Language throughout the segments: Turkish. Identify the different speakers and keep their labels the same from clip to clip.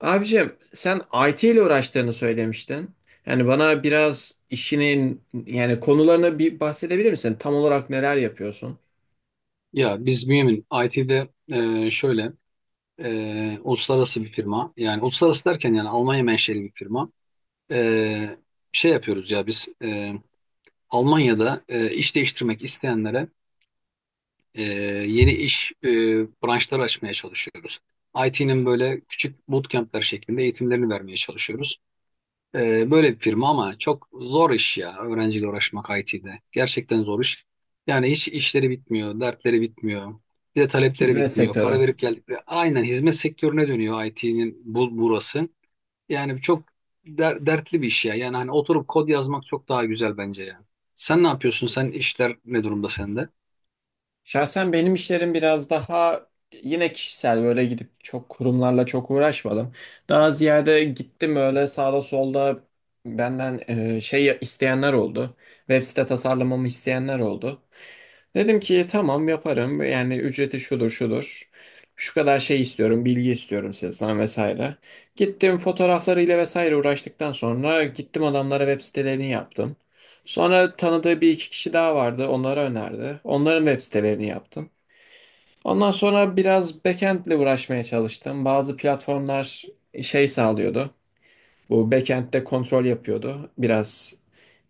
Speaker 1: Abicim sen IT ile uğraştığını söylemiştin. Yani bana biraz işinin yani konularını bir bahsedebilir misin? Tam olarak neler yapıyorsun?
Speaker 2: Ya biz Bünyamin IT'de, şöyle, uluslararası bir firma. Yani uluslararası derken yani Almanya menşeli bir firma. E, Şey yapıyoruz ya biz, Almanya'da iş değiştirmek isteyenlere e, yeni iş branşları açmaya çalışıyoruz. IT'nin böyle küçük bootcamp'ler şeklinde eğitimlerini vermeye çalışıyoruz. Böyle bir firma ama çok zor iş ya, öğrenciyle uğraşmak IT'de. Gerçekten zor iş. Yani hiç işleri bitmiyor, dertleri bitmiyor. Bir de talepleri
Speaker 1: Hizmet
Speaker 2: bitmiyor.
Speaker 1: sektörü.
Speaker 2: Para verip geldikleri aynen hizmet sektörüne dönüyor IT'nin burası. Yani çok dertli bir iş ya. Yani hani oturup kod yazmak çok daha güzel bence yani. Sen ne yapıyorsun? Sen işler ne durumda sende?
Speaker 1: Şahsen benim işlerim biraz daha yine kişisel böyle gidip çok kurumlarla çok uğraşmadım. Daha ziyade gittim öyle sağda solda benden şey isteyenler oldu. Web site tasarlamamı isteyenler oldu. Dedim ki tamam yaparım. Yani ücreti şudur şudur. Şu kadar şey istiyorum, bilgi istiyorum sizden vesaire. Gittim fotoğraflarıyla vesaire uğraştıktan sonra gittim adamlara web sitelerini yaptım. Sonra tanıdığı bir iki kişi daha vardı, onlara önerdi. Onların web sitelerini yaptım. Ondan sonra biraz backend'le uğraşmaya çalıştım. Bazı platformlar şey sağlıyordu. Bu backend'de kontrol yapıyordu. Biraz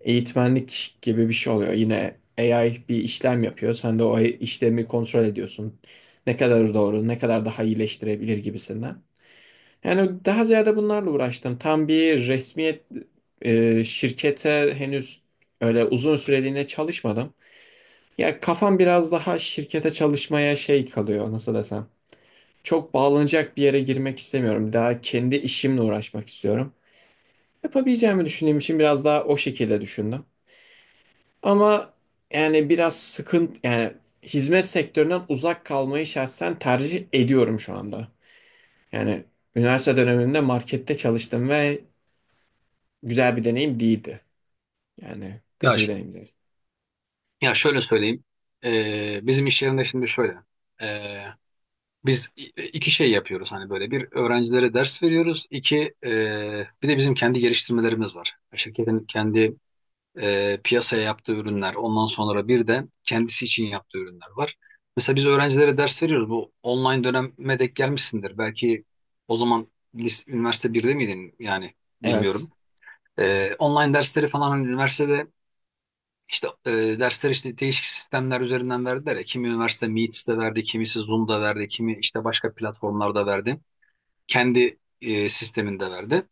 Speaker 1: eğitmenlik gibi bir şey oluyor. Yine AI bir işlem yapıyor. Sen de o işlemi kontrol ediyorsun. Ne kadar doğru, ne kadar daha iyileştirebilir gibisinden. Yani daha ziyade bunlarla uğraştım. Tam bir resmiyet şirkete henüz öyle uzun süreliğine çalışmadım. Ya kafam biraz daha şirkete çalışmaya şey kalıyor, nasıl desem. Çok bağlanacak bir yere girmek istemiyorum. Daha kendi işimle uğraşmak istiyorum. Yapabileceğimi düşündüğüm için biraz daha o şekilde düşündüm. Ama yani biraz sıkıntı, yani hizmet sektöründen uzak kalmayı şahsen tercih ediyorum şu anda. Yani üniversite döneminde markette çalıştım ve güzel bir deneyim değildi. Yani
Speaker 2: Ya,
Speaker 1: kötü bir deneyim değil.
Speaker 2: ya şöyle söyleyeyim. Bizim iş yerinde şimdi şöyle. Ee, Biz iki şey yapıyoruz, hani böyle bir, öğrencilere ders veriyoruz. İki bir de bizim kendi geliştirmelerimiz var. Şirketin kendi, piyasaya yaptığı ürünler, ondan sonra bir de kendisi için yaptığı ürünler var. Mesela biz öğrencilere ders veriyoruz. Bu online döneme denk gelmişsindir. Belki o zaman üniversite birde miydin yani,
Speaker 1: Evet.
Speaker 2: bilmiyorum. Online dersleri falan, hani üniversitede işte, dersler işte değişik sistemler üzerinden verdiler ya. Kimi üniversite Meets'te verdi, kimisi Zoom'da verdi, kimi işte başka platformlarda verdi. Kendi, sisteminde verdi.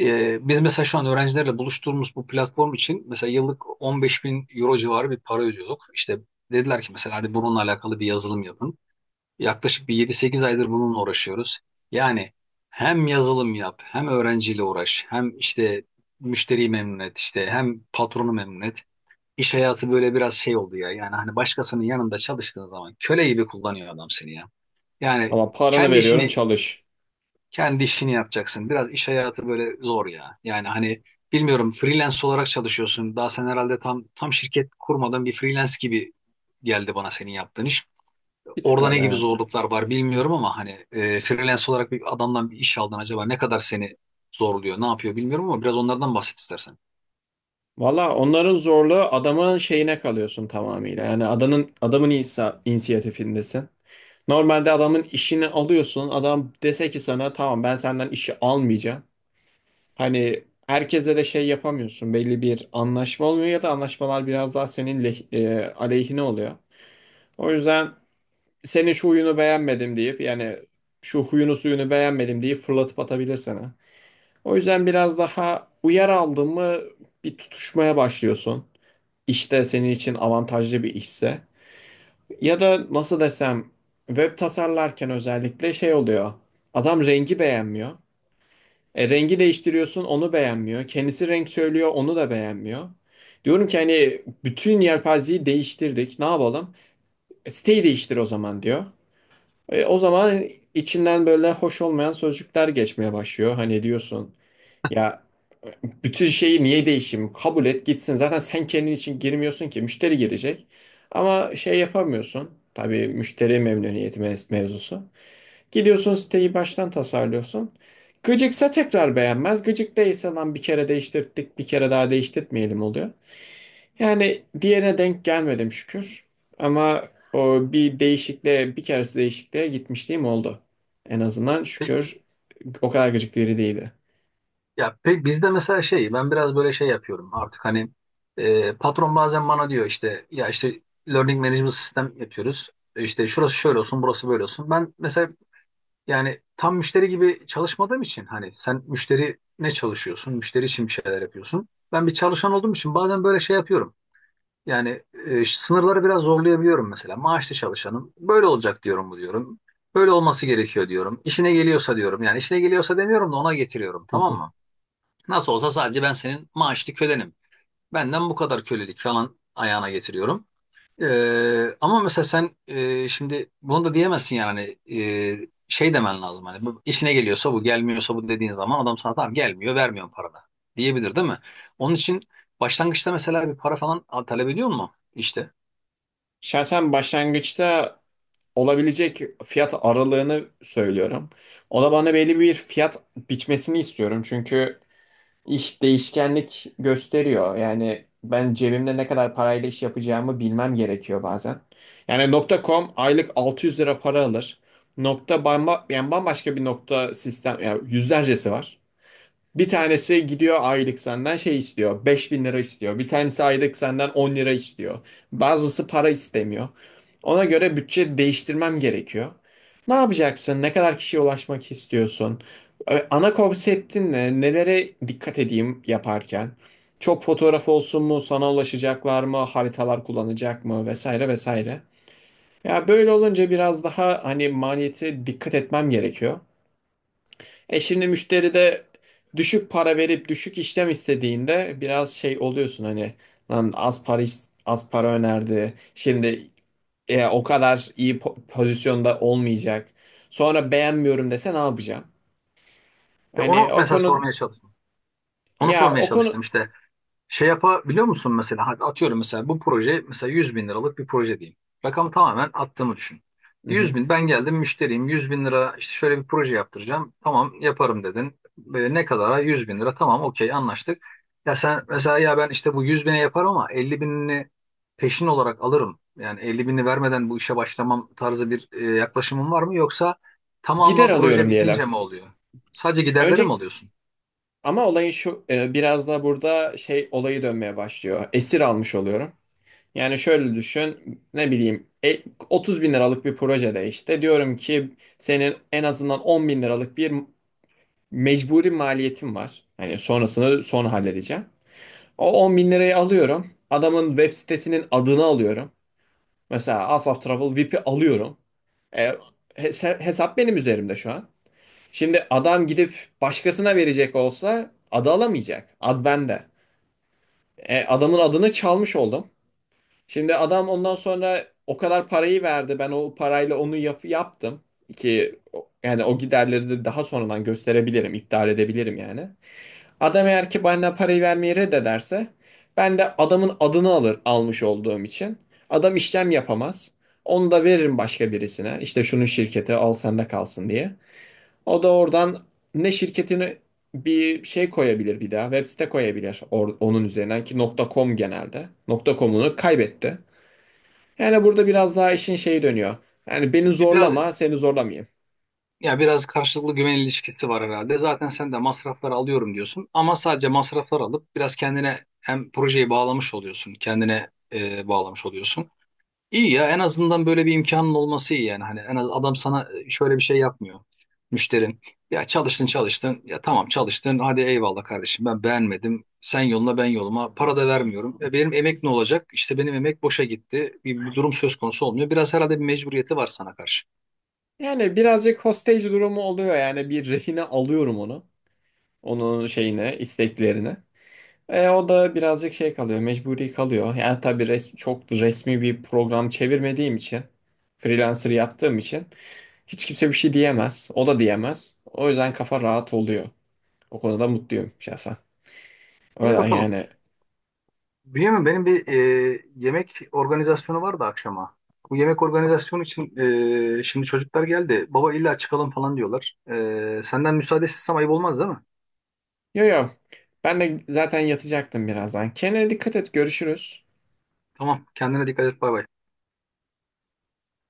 Speaker 2: Biz mesela şu an öğrencilerle buluştuğumuz bu platform için mesela yıllık 15 bin euro civarı bir para ödüyorduk. İşte dediler ki mesela, hadi bununla alakalı bir yazılım yapın. Yaklaşık bir 7-8 aydır bununla uğraşıyoruz. Yani hem yazılım yap, hem öğrenciyle uğraş, hem işte müşteriyi memnun et, işte hem patronu memnun et. İş hayatı böyle biraz şey oldu ya. Yani hani başkasının yanında çalıştığın zaman köle gibi kullanıyor adam seni ya. Yani
Speaker 1: Valla paranı
Speaker 2: kendi
Speaker 1: veriyorum,
Speaker 2: işini
Speaker 1: çalış.
Speaker 2: kendi işini yapacaksın. Biraz iş hayatı böyle zor ya. Yani hani bilmiyorum, freelance olarak çalışıyorsun. Daha sen herhalde tam şirket kurmadan bir freelance gibi geldi bana senin yaptığın iş.
Speaker 1: Bir tık
Speaker 2: Orada ne
Speaker 1: öyle,
Speaker 2: gibi
Speaker 1: evet.
Speaker 2: zorluklar var bilmiyorum ama hani, freelance olarak bir adamdan bir iş aldın, acaba ne kadar seni zorluyor, ne yapıyor bilmiyorum ama biraz onlardan bahset istersen.
Speaker 1: Valla onların zorluğu adamın şeyine kalıyorsun tamamıyla. Yani adamın inisiyatifindesin. Normalde adamın işini alıyorsun. Adam dese ki sana tamam, ben senden işi almayacağım. Hani herkese de şey yapamıyorsun. Belli bir anlaşma olmuyor ya da anlaşmalar biraz daha senin aleyhine oluyor. O yüzden senin şu huyunu beğenmedim deyip, yani şu huyunu suyunu beğenmedim deyip fırlatıp atabilir sana. O yüzden biraz daha uyar aldın mı, bir tutuşmaya başlıyorsun. İşte senin için avantajlı bir işse ya da nasıl desem, web tasarlarken özellikle şey oluyor. Adam rengi beğenmiyor. E, rengi değiştiriyorsun, onu beğenmiyor. Kendisi renk söylüyor, onu da beğenmiyor. Diyorum ki hani bütün yelpazeyi değiştirdik, ne yapalım? E, siteyi değiştir o zaman diyor. E, o zaman içinden böyle hoş olmayan sözcükler geçmeye başlıyor. Hani diyorsun ya, bütün şeyi niye değişeyim? Kabul et gitsin. Zaten sen kendin için girmiyorsun ki. Müşteri girecek. Ama şey yapamıyorsun. Tabii müşteri memnuniyeti mevzusu. Gidiyorsun, siteyi baştan tasarlıyorsun. Gıcıksa tekrar beğenmez. Gıcık değilse lan bir kere değiştirdik, bir kere daha değiştirtmeyelim oluyor. Yani diğerine denk gelmedim, şükür. Ama o bir değişikliğe, bir keresi değişikliğe gitmişliğim oldu. En azından şükür o kadar gıcık biri değildi.
Speaker 2: Ya bizde mesela şey, ben biraz böyle şey yapıyorum artık hani, patron bazen bana diyor işte ya işte learning management sistem yapıyoruz. İşte şurası şöyle olsun, burası böyle olsun. Ben mesela yani tam müşteri gibi çalışmadığım için hani, sen müşteri ne çalışıyorsun? Müşteri için bir şeyler yapıyorsun. Ben bir çalışan olduğum için bazen böyle şey yapıyorum. Yani, sınırları biraz zorlayabiliyorum mesela. Maaşlı çalışanım böyle olacak diyorum, bu diyorum. Böyle olması gerekiyor diyorum. İşine geliyorsa diyorum. Yani işine geliyorsa demiyorum da ona getiriyorum, tamam mı? Nasıl olsa sadece ben senin maaşlı kölenim. Benden bu kadar kölelik falan ayağına getiriyorum. Ama mesela sen, şimdi bunu da diyemezsin yani hani, şey demen lazım hani, bu işine geliyorsa, bu gelmiyorsa, bu dediğin zaman adam sana tamam gelmiyor, vermiyorum paranı diyebilir değil mi? Onun için başlangıçta mesela bir para falan talep ediyor mu işte?
Speaker 1: Şahsen başlangıçta olabilecek fiyat aralığını söylüyorum. O da bana belli bir fiyat biçmesini istiyorum. Çünkü iş değişkenlik gösteriyor. Yani ben cebimde ne kadar parayla iş yapacağımı bilmem gerekiyor bazen. Yani nokta .com aylık 600 lira para alır. Nokta yani bambaşka bir nokta sistem, yani yüzlercesi var. Bir tanesi gidiyor, aylık senden şey istiyor, 5.000 lira istiyor. Bir tanesi aylık senden 10 lira istiyor. Bazısı para istemiyor. Ona göre bütçe değiştirmem gerekiyor. Ne yapacaksın? Ne kadar kişiye ulaşmak istiyorsun? Ana konseptin ne? Nelere dikkat edeyim yaparken? Çok fotoğraf olsun mu? Sana ulaşacaklar mı? Haritalar kullanacak mı? Vesaire vesaire. Ya böyle olunca biraz daha hani maliyete dikkat etmem gerekiyor. E şimdi müşteri de düşük para verip düşük işlem istediğinde biraz şey oluyorsun, hani lan az para az para önerdi. Şimdi e, o kadar iyi pozisyonda olmayacak. Sonra beğenmiyorum dese ne yapacağım?
Speaker 2: İşte
Speaker 1: Hani
Speaker 2: onu
Speaker 1: o
Speaker 2: mesela
Speaker 1: konu,
Speaker 2: sormaya çalıştım. Onu
Speaker 1: ya
Speaker 2: sormaya
Speaker 1: o konu.
Speaker 2: çalıştım işte. Şey yapabiliyor musun mesela? Hadi atıyorum, mesela bu proje mesela 100 bin liralık bir proje diyeyim. Rakamı tamamen attığımı düşün.
Speaker 1: Hı
Speaker 2: 100
Speaker 1: hı.
Speaker 2: bin, ben geldim müşteriyim, 100 bin lira işte şöyle bir proje yaptıracağım. Tamam yaparım dedin. Böyle ne kadara, 100 bin lira, tamam okey anlaştık. Ya sen mesela, ya ben işte bu 100 bine yaparım ama 50 binini peşin olarak alırım. Yani 50 bini vermeden bu işe başlamam tarzı bir, yaklaşımın var mı? Yoksa
Speaker 1: Gider
Speaker 2: tamamı proje
Speaker 1: alıyorum diyelim.
Speaker 2: bitince mi oluyor? Sadece giderleri mi
Speaker 1: Önce
Speaker 2: alıyorsun?
Speaker 1: ama olayın şu, e, biraz da burada şey olayı dönmeye başlıyor. Esir almış oluyorum. Yani şöyle düşün, ne bileyim, 30 bin liralık bir projede işte diyorum ki senin en azından 10 bin liralık bir mecburi maliyetin var. Hani sonrasını sonra halledeceğim. O 10 bin lirayı alıyorum. Adamın web sitesinin adını alıyorum. Mesela Asaf Travel VIP'i alıyorum. E, hesap benim üzerimde şu an. Şimdi adam gidip başkasına verecek olsa adı alamayacak. Ad bende. E, adamın adını çalmış oldum. Şimdi adam ondan sonra o kadar parayı verdi. Ben o parayla onu yaptım. Ki o- yani o giderleri de daha sonradan gösterebilirim, iptal edebilirim yani. Adam eğer ki bana parayı vermeyi reddederse ben de adamın adını almış olduğum için. Adam işlem yapamaz. Onu da veririm başka birisine. İşte şunun şirketi al, sende kalsın diye. O da oradan ne şirketini bir şey koyabilir bir daha. Web site koyabilir, onun üzerinden ki .com genelde. .com'unu kaybetti. Yani burada biraz daha işin şeyi dönüyor. Yani beni
Speaker 2: Biraz
Speaker 1: zorlama, seni zorlamayayım.
Speaker 2: Ya biraz karşılıklı güven ilişkisi var herhalde. Zaten sen de masrafları alıyorum diyorsun ama sadece masraflar alıp biraz kendine hem projeyi bağlamış oluyorsun, kendine, bağlamış oluyorsun. İyi ya, en azından böyle bir imkanın olması iyi yani. Hani en az adam sana, şöyle bir şey yapmıyor müşterin. Ya çalıştın çalıştın. Ya tamam çalıştın. Hadi eyvallah kardeşim, ben beğenmedim. Sen yoluna ben yoluma. Para da vermiyorum. Benim emek ne olacak? İşte benim emek boşa gitti. Bir durum söz konusu olmuyor. Biraz herhalde bir mecburiyeti var sana karşı.
Speaker 1: Yani birazcık hostage durumu oluyor, yani bir rehine alıyorum onu. Onun şeyine, isteklerine. E, o da birazcık şey kalıyor, mecburi kalıyor. Yani tabii çok resmi bir program çevirmediğim için, freelancer yaptığım için hiç kimse bir şey diyemez. O da diyemez. O yüzden kafa rahat oluyor. O konuda mutluyum şahsen.
Speaker 2: İyi
Speaker 1: Öyle
Speaker 2: bakalım.
Speaker 1: yani.
Speaker 2: Bünyamin, benim bir, yemek organizasyonu vardı akşama. Bu yemek organizasyonu için, şimdi çocuklar geldi. Baba illa çıkalım falan diyorlar. Senden müsaade istesem ayıp olmaz değil mi?
Speaker 1: Yo yo. Ben de zaten yatacaktım birazdan. Kendine dikkat et. Görüşürüz.
Speaker 2: Tamam, kendine dikkat et, bay bay.